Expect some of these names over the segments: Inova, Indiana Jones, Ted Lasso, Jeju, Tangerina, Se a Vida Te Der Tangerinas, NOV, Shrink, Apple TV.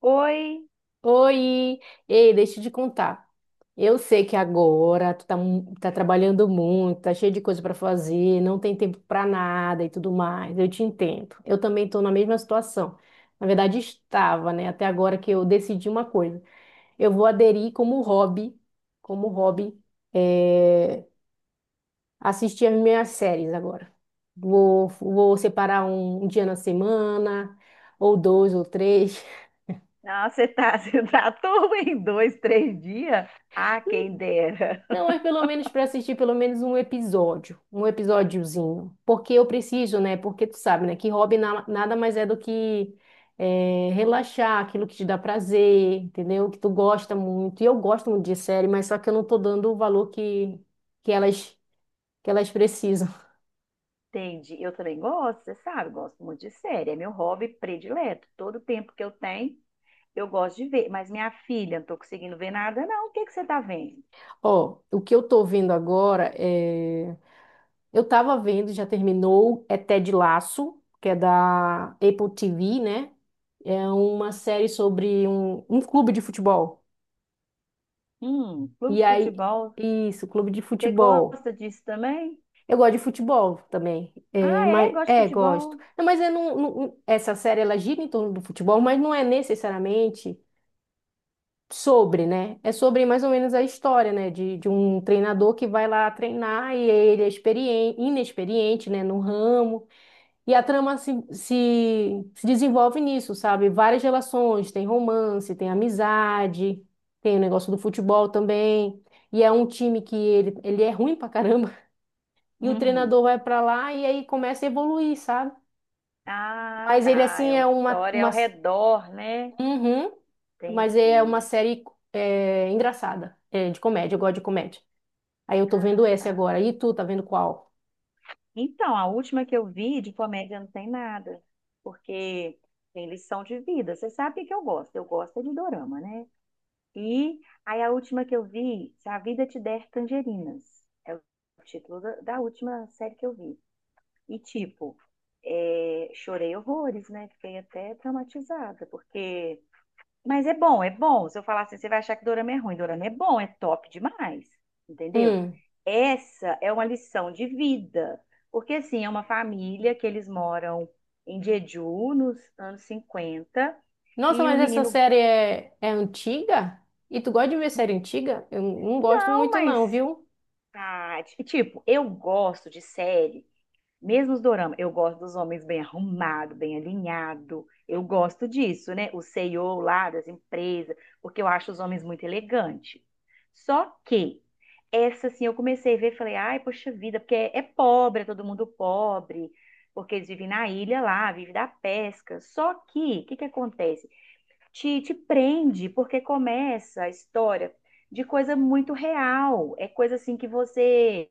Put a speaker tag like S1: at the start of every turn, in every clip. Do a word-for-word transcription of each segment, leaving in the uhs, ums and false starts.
S1: Oi,
S2: Oi! Ei, deixa eu te contar. Eu sei que agora tu tá, mu- tá trabalhando muito, tá cheio de coisa pra fazer, não tem tempo pra nada e tudo mais. Eu te entendo. Eu também tô na mesma situação. Na verdade, estava, né? Até agora que eu decidi uma coisa. Eu vou aderir como hobby, como hobby, eh, assistir as minhas séries agora. Vou, vou separar um um dia na semana, ou dois, ou três.
S1: nossa, você tá, você tá tudo em dois, três dias? Ah, quem dera.
S2: Não, mas pelo menos para assistir pelo menos um episódio, um episódiozinho. Porque eu preciso, né? Porque tu sabe, né? Que hobby na- nada mais é do que eh, relaxar, aquilo que te dá prazer, entendeu? Que tu gosta muito. E eu gosto muito de série, mas só que eu não tô dando o valor que, que elas, que elas precisam.
S1: Entendi, eu também gosto, você sabe, gosto muito de série, é meu hobby predileto. Todo tempo que eu tenho, eu gosto de ver. Mas minha filha, não tô conseguindo ver nada, não. O que que você tá vendo?
S2: Ó, o que eu tô vendo agora é. Eu tava vendo, já terminou, é Ted Lasso, que é da Apple T V, né? É uma série sobre um, um clube de futebol.
S1: Hum, clube
S2: E
S1: de
S2: aí,
S1: futebol.
S2: isso, clube de
S1: Você
S2: futebol.
S1: gosta disso também?
S2: Eu gosto de futebol também. É,
S1: Ah, é?
S2: mas,
S1: Gosto de
S2: é, gosto.
S1: futebol.
S2: Não, mas eu não, não- essa série ela gira em torno do futebol, mas não é necessariamente sobre, né? É sobre mais ou menos a história, né? De, de um treinador que vai lá treinar e ele é experiente, inexperiente, né? No ramo. E a trama se, se, se desenvolve nisso, sabe? Várias relações, tem romance, tem amizade, tem o negócio do futebol também. E é um time que ele, ele é ruim pra caramba. E o
S1: Hum.
S2: treinador vai pra lá e aí começa a evoluir, sabe?
S1: Ah,
S2: Mas ele,
S1: tá, é
S2: assim, é
S1: uma
S2: uma,
S1: história
S2: uma...
S1: ao redor, né?
S2: Uhum, mas é uma
S1: Entendi.
S2: série é, engraçada, é, de comédia, eu gosto de comédia. Aí eu tô vendo
S1: Ah,
S2: essa
S1: tá.
S2: agora. E tu, tá vendo qual?
S1: Então, a última que eu vi de comédia não tem nada, porque tem lição de vida. Você sabe o que que eu gosto? Eu gosto é de dorama, né? E aí a última que eu vi, Se a Vida Te Der Tangerinas, é o título da, da última série que eu vi. E tipo, é, chorei horrores, né? Fiquei até traumatizada, porque mas é bom, é bom. Se eu falar assim, você vai achar que dorama é ruim. Dorama é bom, é top demais. Entendeu?
S2: Hum.
S1: Essa é uma lição de vida. Porque, assim, é uma família que eles moram em Jeju, nos anos cinquenta
S2: Nossa,
S1: e o
S2: mas essa
S1: menino.
S2: série é, é antiga? E tu gosta de ver série antiga? Eu não gosto
S1: Não,
S2: muito não,
S1: mas.
S2: viu?
S1: Ah, ti- tipo, eu gosto de série. Mesmo os dorama, eu gosto dos homens bem arrumados, bem alinhados. Eu gosto disso, né? O C E O lá das empresas, porque eu acho os homens muito elegantes. Só que essa, assim, eu comecei a ver, e falei, ai, poxa vida, porque é, é pobre, é todo mundo pobre, porque eles vivem na ilha lá, vivem da pesca. Só que, o que que acontece? Te, te prende, porque começa a história de coisa muito real. É coisa, assim, que você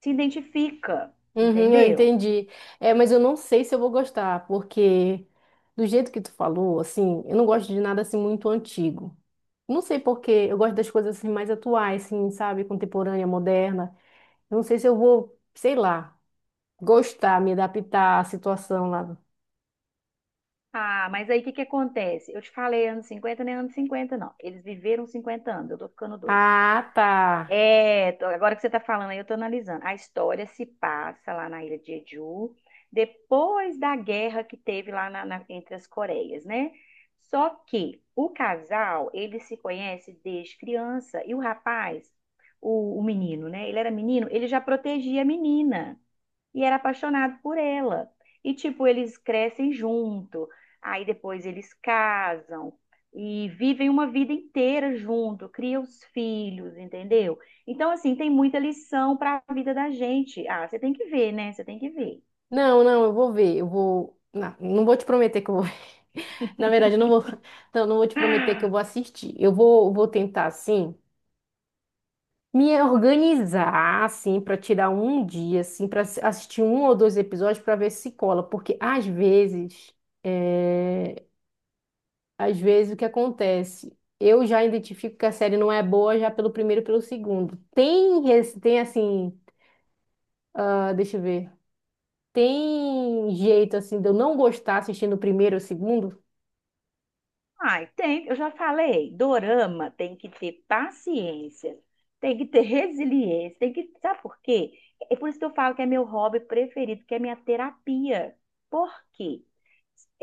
S1: se identifica,
S2: Uhum, eu
S1: entendeu?
S2: entendi. É, mas eu não sei se eu vou gostar, porque do jeito que tu falou, assim, eu não gosto de nada assim muito antigo. Não sei por quê, eu gosto das coisas assim mais atuais, assim, sabe, contemporânea, moderna. Eu não sei se eu vou, sei lá, gostar, me adaptar à situação lá.
S1: Ah, mas aí o que que acontece? Eu te falei anos cinquenta nem anos cinquenta não. Eles viveram cinquenta anos, eu tô ficando doida.
S2: Ah, tá.
S1: É, tô- agora que você tá falando aí, eu tô analisando. A história se passa lá na ilha de Jeju, depois da guerra que teve lá na- na- entre as Coreias, né? Só que o casal, ele se conhece desde criança, e o rapaz, o, o menino, né? Ele era menino, ele já protegia a menina e era apaixonado por ela. E tipo, eles crescem junto, aí depois eles casam e vivem uma vida inteira junto, criam os filhos, entendeu? Então, assim, tem muita lição para a vida da gente. Ah, você tem que ver, né? Você tem que ver.
S2: Não, não, eu vou ver. Eu vou. Não, não vou te prometer que eu vou ver. Na verdade, eu não vou. Não, não vou te prometer que eu vou assistir. Eu vou, vou tentar, assim, me organizar, assim, para tirar um dia, assim, para assistir um ou dois episódios para ver se cola. Porque às vezes, é, às vezes o que acontece? Eu já identifico que a série não é boa já pelo primeiro e pelo segundo. Tem, res- tem assim, ah, deixa eu ver. Tem jeito assim de eu não gostar assistindo o primeiro ou o segundo?
S1: Ai, tem, eu já falei, dorama tem que ter paciência, tem que ter resiliência, tem que, sabe por quê? É por isso que eu falo que é meu hobby preferido, que é minha terapia. Por quê?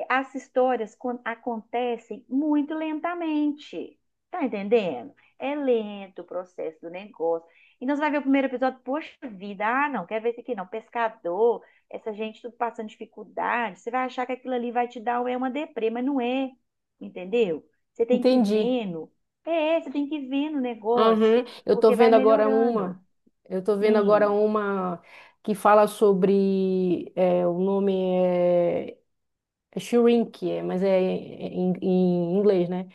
S1: As histórias con- acontecem muito lentamente. Tá entendendo? É lento o processo do negócio. Então você vai ver o primeiro episódio, poxa vida, ah, não, quer ver isso aqui não, pescador, essa gente tudo passando dificuldade. Você vai achar que aquilo ali vai te dar um, é uma deprê, mas não é, entendeu? Você tem que ir
S2: Entendi.
S1: vendo. É, você tem que ir vendo o
S2: Aham.
S1: negócio,
S2: Eu tô
S1: porque vai
S2: vendo agora
S1: melhorando.
S2: uma. Eu tô vendo agora
S1: Hum,
S2: uma que fala sobre é, o nome é, é Shrink, é, mas é em, em inglês, né?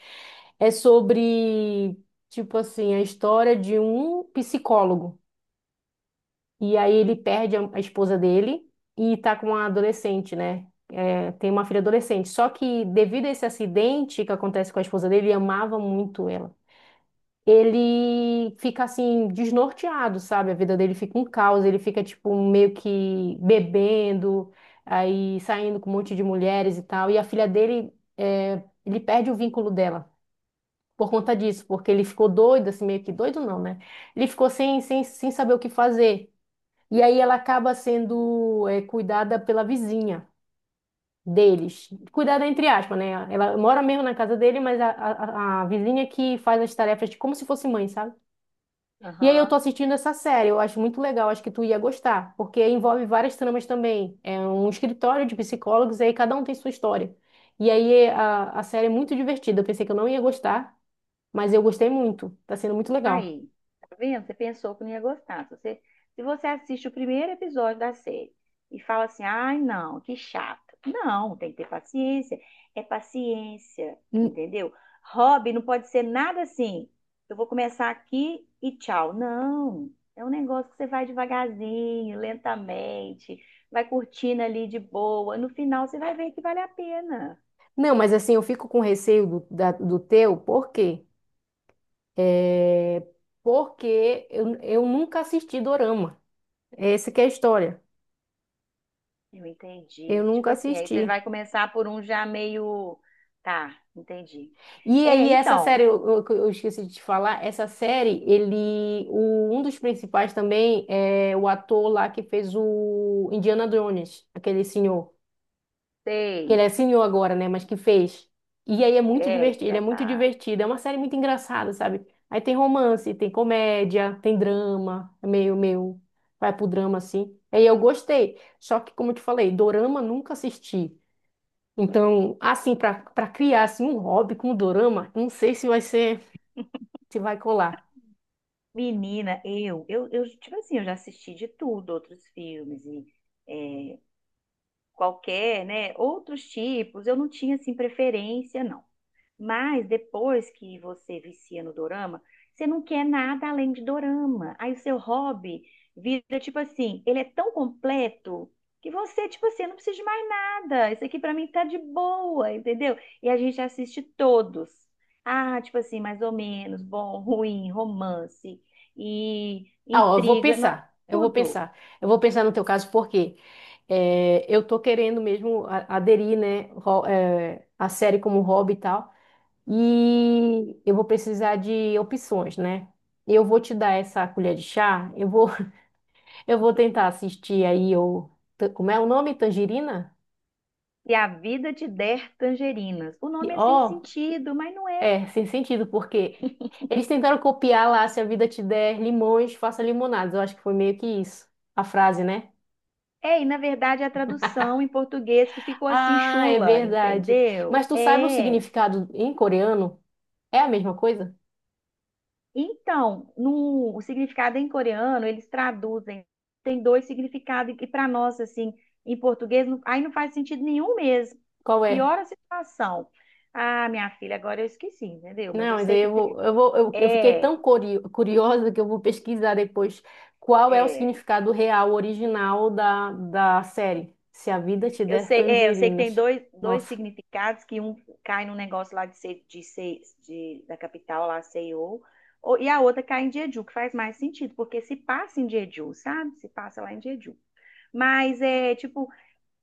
S2: É sobre tipo assim a história de um psicólogo e aí ele perde a, a esposa dele e tá com uma adolescente, né? É, tem uma filha adolescente. Só que devido a esse acidente que acontece com a esposa dele, ele amava muito ela. Ele fica assim desnorteado, sabe? A vida dele fica um caos, ele fica tipo meio que bebendo, aí saindo com um monte de mulheres e tal. E a filha dele, é, ele perde o vínculo dela por conta disso, porque ele ficou doido, assim, meio que doido não, né? Ele ficou sem, sem, sem saber o que fazer. E aí ela acaba sendo, é, cuidada pela vizinha. Deles. Cuidada entre aspas, né? Ela mora mesmo na casa dele, mas a, a, a a vizinha que faz as tarefas de como se fosse mãe, sabe? E aí eu tô
S1: aham.
S2: assistindo essa série, eu acho muito legal, acho que tu ia gostar, porque envolve várias tramas também. É um escritório de psicólogos, e aí cada um tem sua história. E aí a, a série é muito divertida, eu pensei que eu não ia gostar, mas eu gostei muito, tá sendo muito legal.
S1: Aí, tá vendo? Você pensou que não ia gostar. Se você, se você assiste o primeiro episódio da série e fala assim, ai, não, que chato. Não, tem que ter paciência. É paciência,
S2: N-
S1: entendeu? Hobby não pode ser nada assim. Eu vou começar aqui e tchau. Não, é um negócio que você vai devagarzinho, lentamente, vai curtindo ali de boa. No final, você vai ver que vale a pena.
S2: Não, mas assim, eu fico com receio do, da- do teu, por quê? É, porque eu, eu nunca assisti Dorama, essa que é a história,
S1: Eu
S2: eu
S1: entendi. Tipo
S2: nunca
S1: assim, aí você
S2: assisti.
S1: vai começar por um já meio. Tá, entendi.
S2: E
S1: É,
S2: aí, essa série,
S1: então,
S2: eu, eu- eu esqueci de te falar, essa série, ele, o- um dos principais também é o ator lá que fez o Indiana Jones, aquele senhor, que ele
S1: sei.
S2: é senhor agora, né, mas que fez. E aí é muito
S1: É,
S2: divertido, ele é
S1: já
S2: muito
S1: tá.
S2: divertido, é uma série muito engraçada, sabe? Aí tem romance, tem comédia, tem drama, é meio, meio, vai pro drama assim. Aí eu gostei, só que como eu te falei, dorama nunca assisti. Então, assim, para para criar assim, um hobby com dorama, não sei se vai ser te vai colar.
S1: Menina, eu, eu, eu, tipo assim, eu já assisti de tudo, outros filmes e é, qualquer, né? Outros tipos, eu não tinha, assim, preferência, não. Mas depois que você vicia no dorama, você não quer nada além de dorama. Aí o seu hobby vira tipo assim, ele é tão completo que você, tipo assim, eu não preciso de mais nada. Isso aqui pra mim tá de boa, entendeu? E a gente assiste todos. Ah, tipo assim, mais ou menos, bom, ruim, romance e
S2: Ah, ó, eu vou
S1: intriga, nó-
S2: pensar. Eu vou
S1: tudo.
S2: pensar. Eu vou pensar no teu caso, porque eu tô querendo mesmo a- aderir, né, ro- é, a série como hobby e tal. E eu vou precisar de opções, né? Eu vou te dar essa colher de chá. Eu vou, eu vou tentar assistir aí o, ta- como é o nome? Tangerina?
S1: E a vida te der tangerinas. O
S2: E,
S1: nome é sem
S2: Ó,
S1: sentido, mas não é.
S2: é, sem sentido, porque eles tentaram copiar lá, se a vida te der limões, faça limonadas. Eu acho que foi meio que isso, a frase, né?
S1: É, e na verdade a tradução em português que ficou assim
S2: Ah, é
S1: chula,
S2: verdade.
S1: entendeu?
S2: Mas tu sabe o
S1: É.
S2: significado em coreano? É a mesma coisa?
S1: Então, no, o significado em coreano, eles traduzem, tem dois significados, e para nós, assim, em português, não- aí não faz sentido nenhum mesmo.
S2: Qual é?
S1: Piora a situação. Ah, minha filha, agora eu esqueci, entendeu? Mas
S2: Não,
S1: eu
S2: mas
S1: sei
S2: aí
S1: que
S2: eu
S1: tem.
S2: vou, eu vou, eu, eu fiquei
S1: É,
S2: tão curi- curiosa que eu vou pesquisar depois qual é o
S1: é.
S2: significado real, original da, da série. Se a vida te
S1: Eu
S2: der
S1: sei, é, eu sei que tem
S2: tangerinas.
S1: dois, dois
S2: Nossa.
S1: significados, que um cai no negócio lá de ser, de ser de, da capital, lá, C E O, ou- e a outra cai em Jeju, que faz mais sentido, porque se passa em Jeju, sabe? Se passa lá em Jeju. Mas é tipo,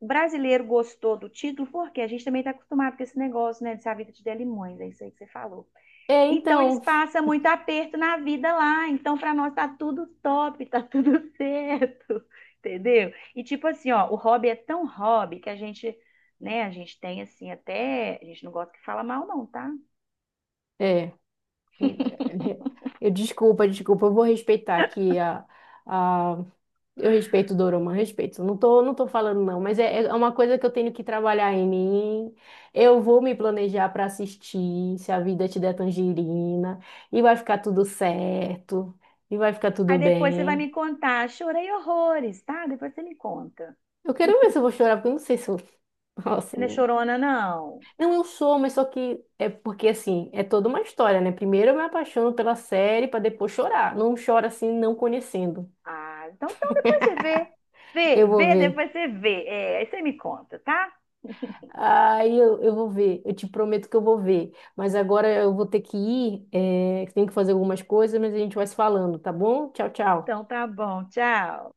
S1: o brasileiro gostou do título, porque a gente também está acostumado com esse negócio, né? De ser a vida de Delimões, é isso aí que você falou.
S2: É,
S1: Então, eles
S2: então.
S1: passam muito aperto na vida lá. Então, para nós tá tudo top, tá tudo certo, entendeu? E tipo assim, ó, o hobby é tão hobby que a gente, né, a gente tem assim até, a gente não gosta que fala mal não, tá?
S2: É. É, eu desculpa, desculpa. Eu vou respeitar aqui a, a Eu respeito Dorama, respeito. Não tô, não tô falando não, mas é, é uma coisa que eu tenho que trabalhar em mim. Eu vou me planejar para assistir, se a vida te der tangerina, e vai ficar tudo certo, e vai ficar
S1: Aí
S2: tudo
S1: depois você vai
S2: bem.
S1: me contar, chorei horrores, tá? Depois você me conta.
S2: Eu quero ver se eu vou chorar, porque eu não sei se eu... Nossa,
S1: Você não é
S2: não...
S1: chorona, não.
S2: Não, eu sou, mas só que é porque assim, é toda uma história, né? Primeiro eu me apaixono pela série para depois chorar. Não chora assim não conhecendo.
S1: Ah, então, então depois você vê.
S2: Eu
S1: Vê,
S2: vou
S1: vê,
S2: ver.
S1: depois você vê. É, aí você me conta, tá?
S2: Aí eu, eu vou ver, eu te prometo que eu vou ver. Mas agora eu vou ter que ir, é, que tenho que fazer algumas coisas, mas a gente vai se falando, tá bom? Tchau,
S1: Então
S2: tchau.
S1: tá bom, tchau.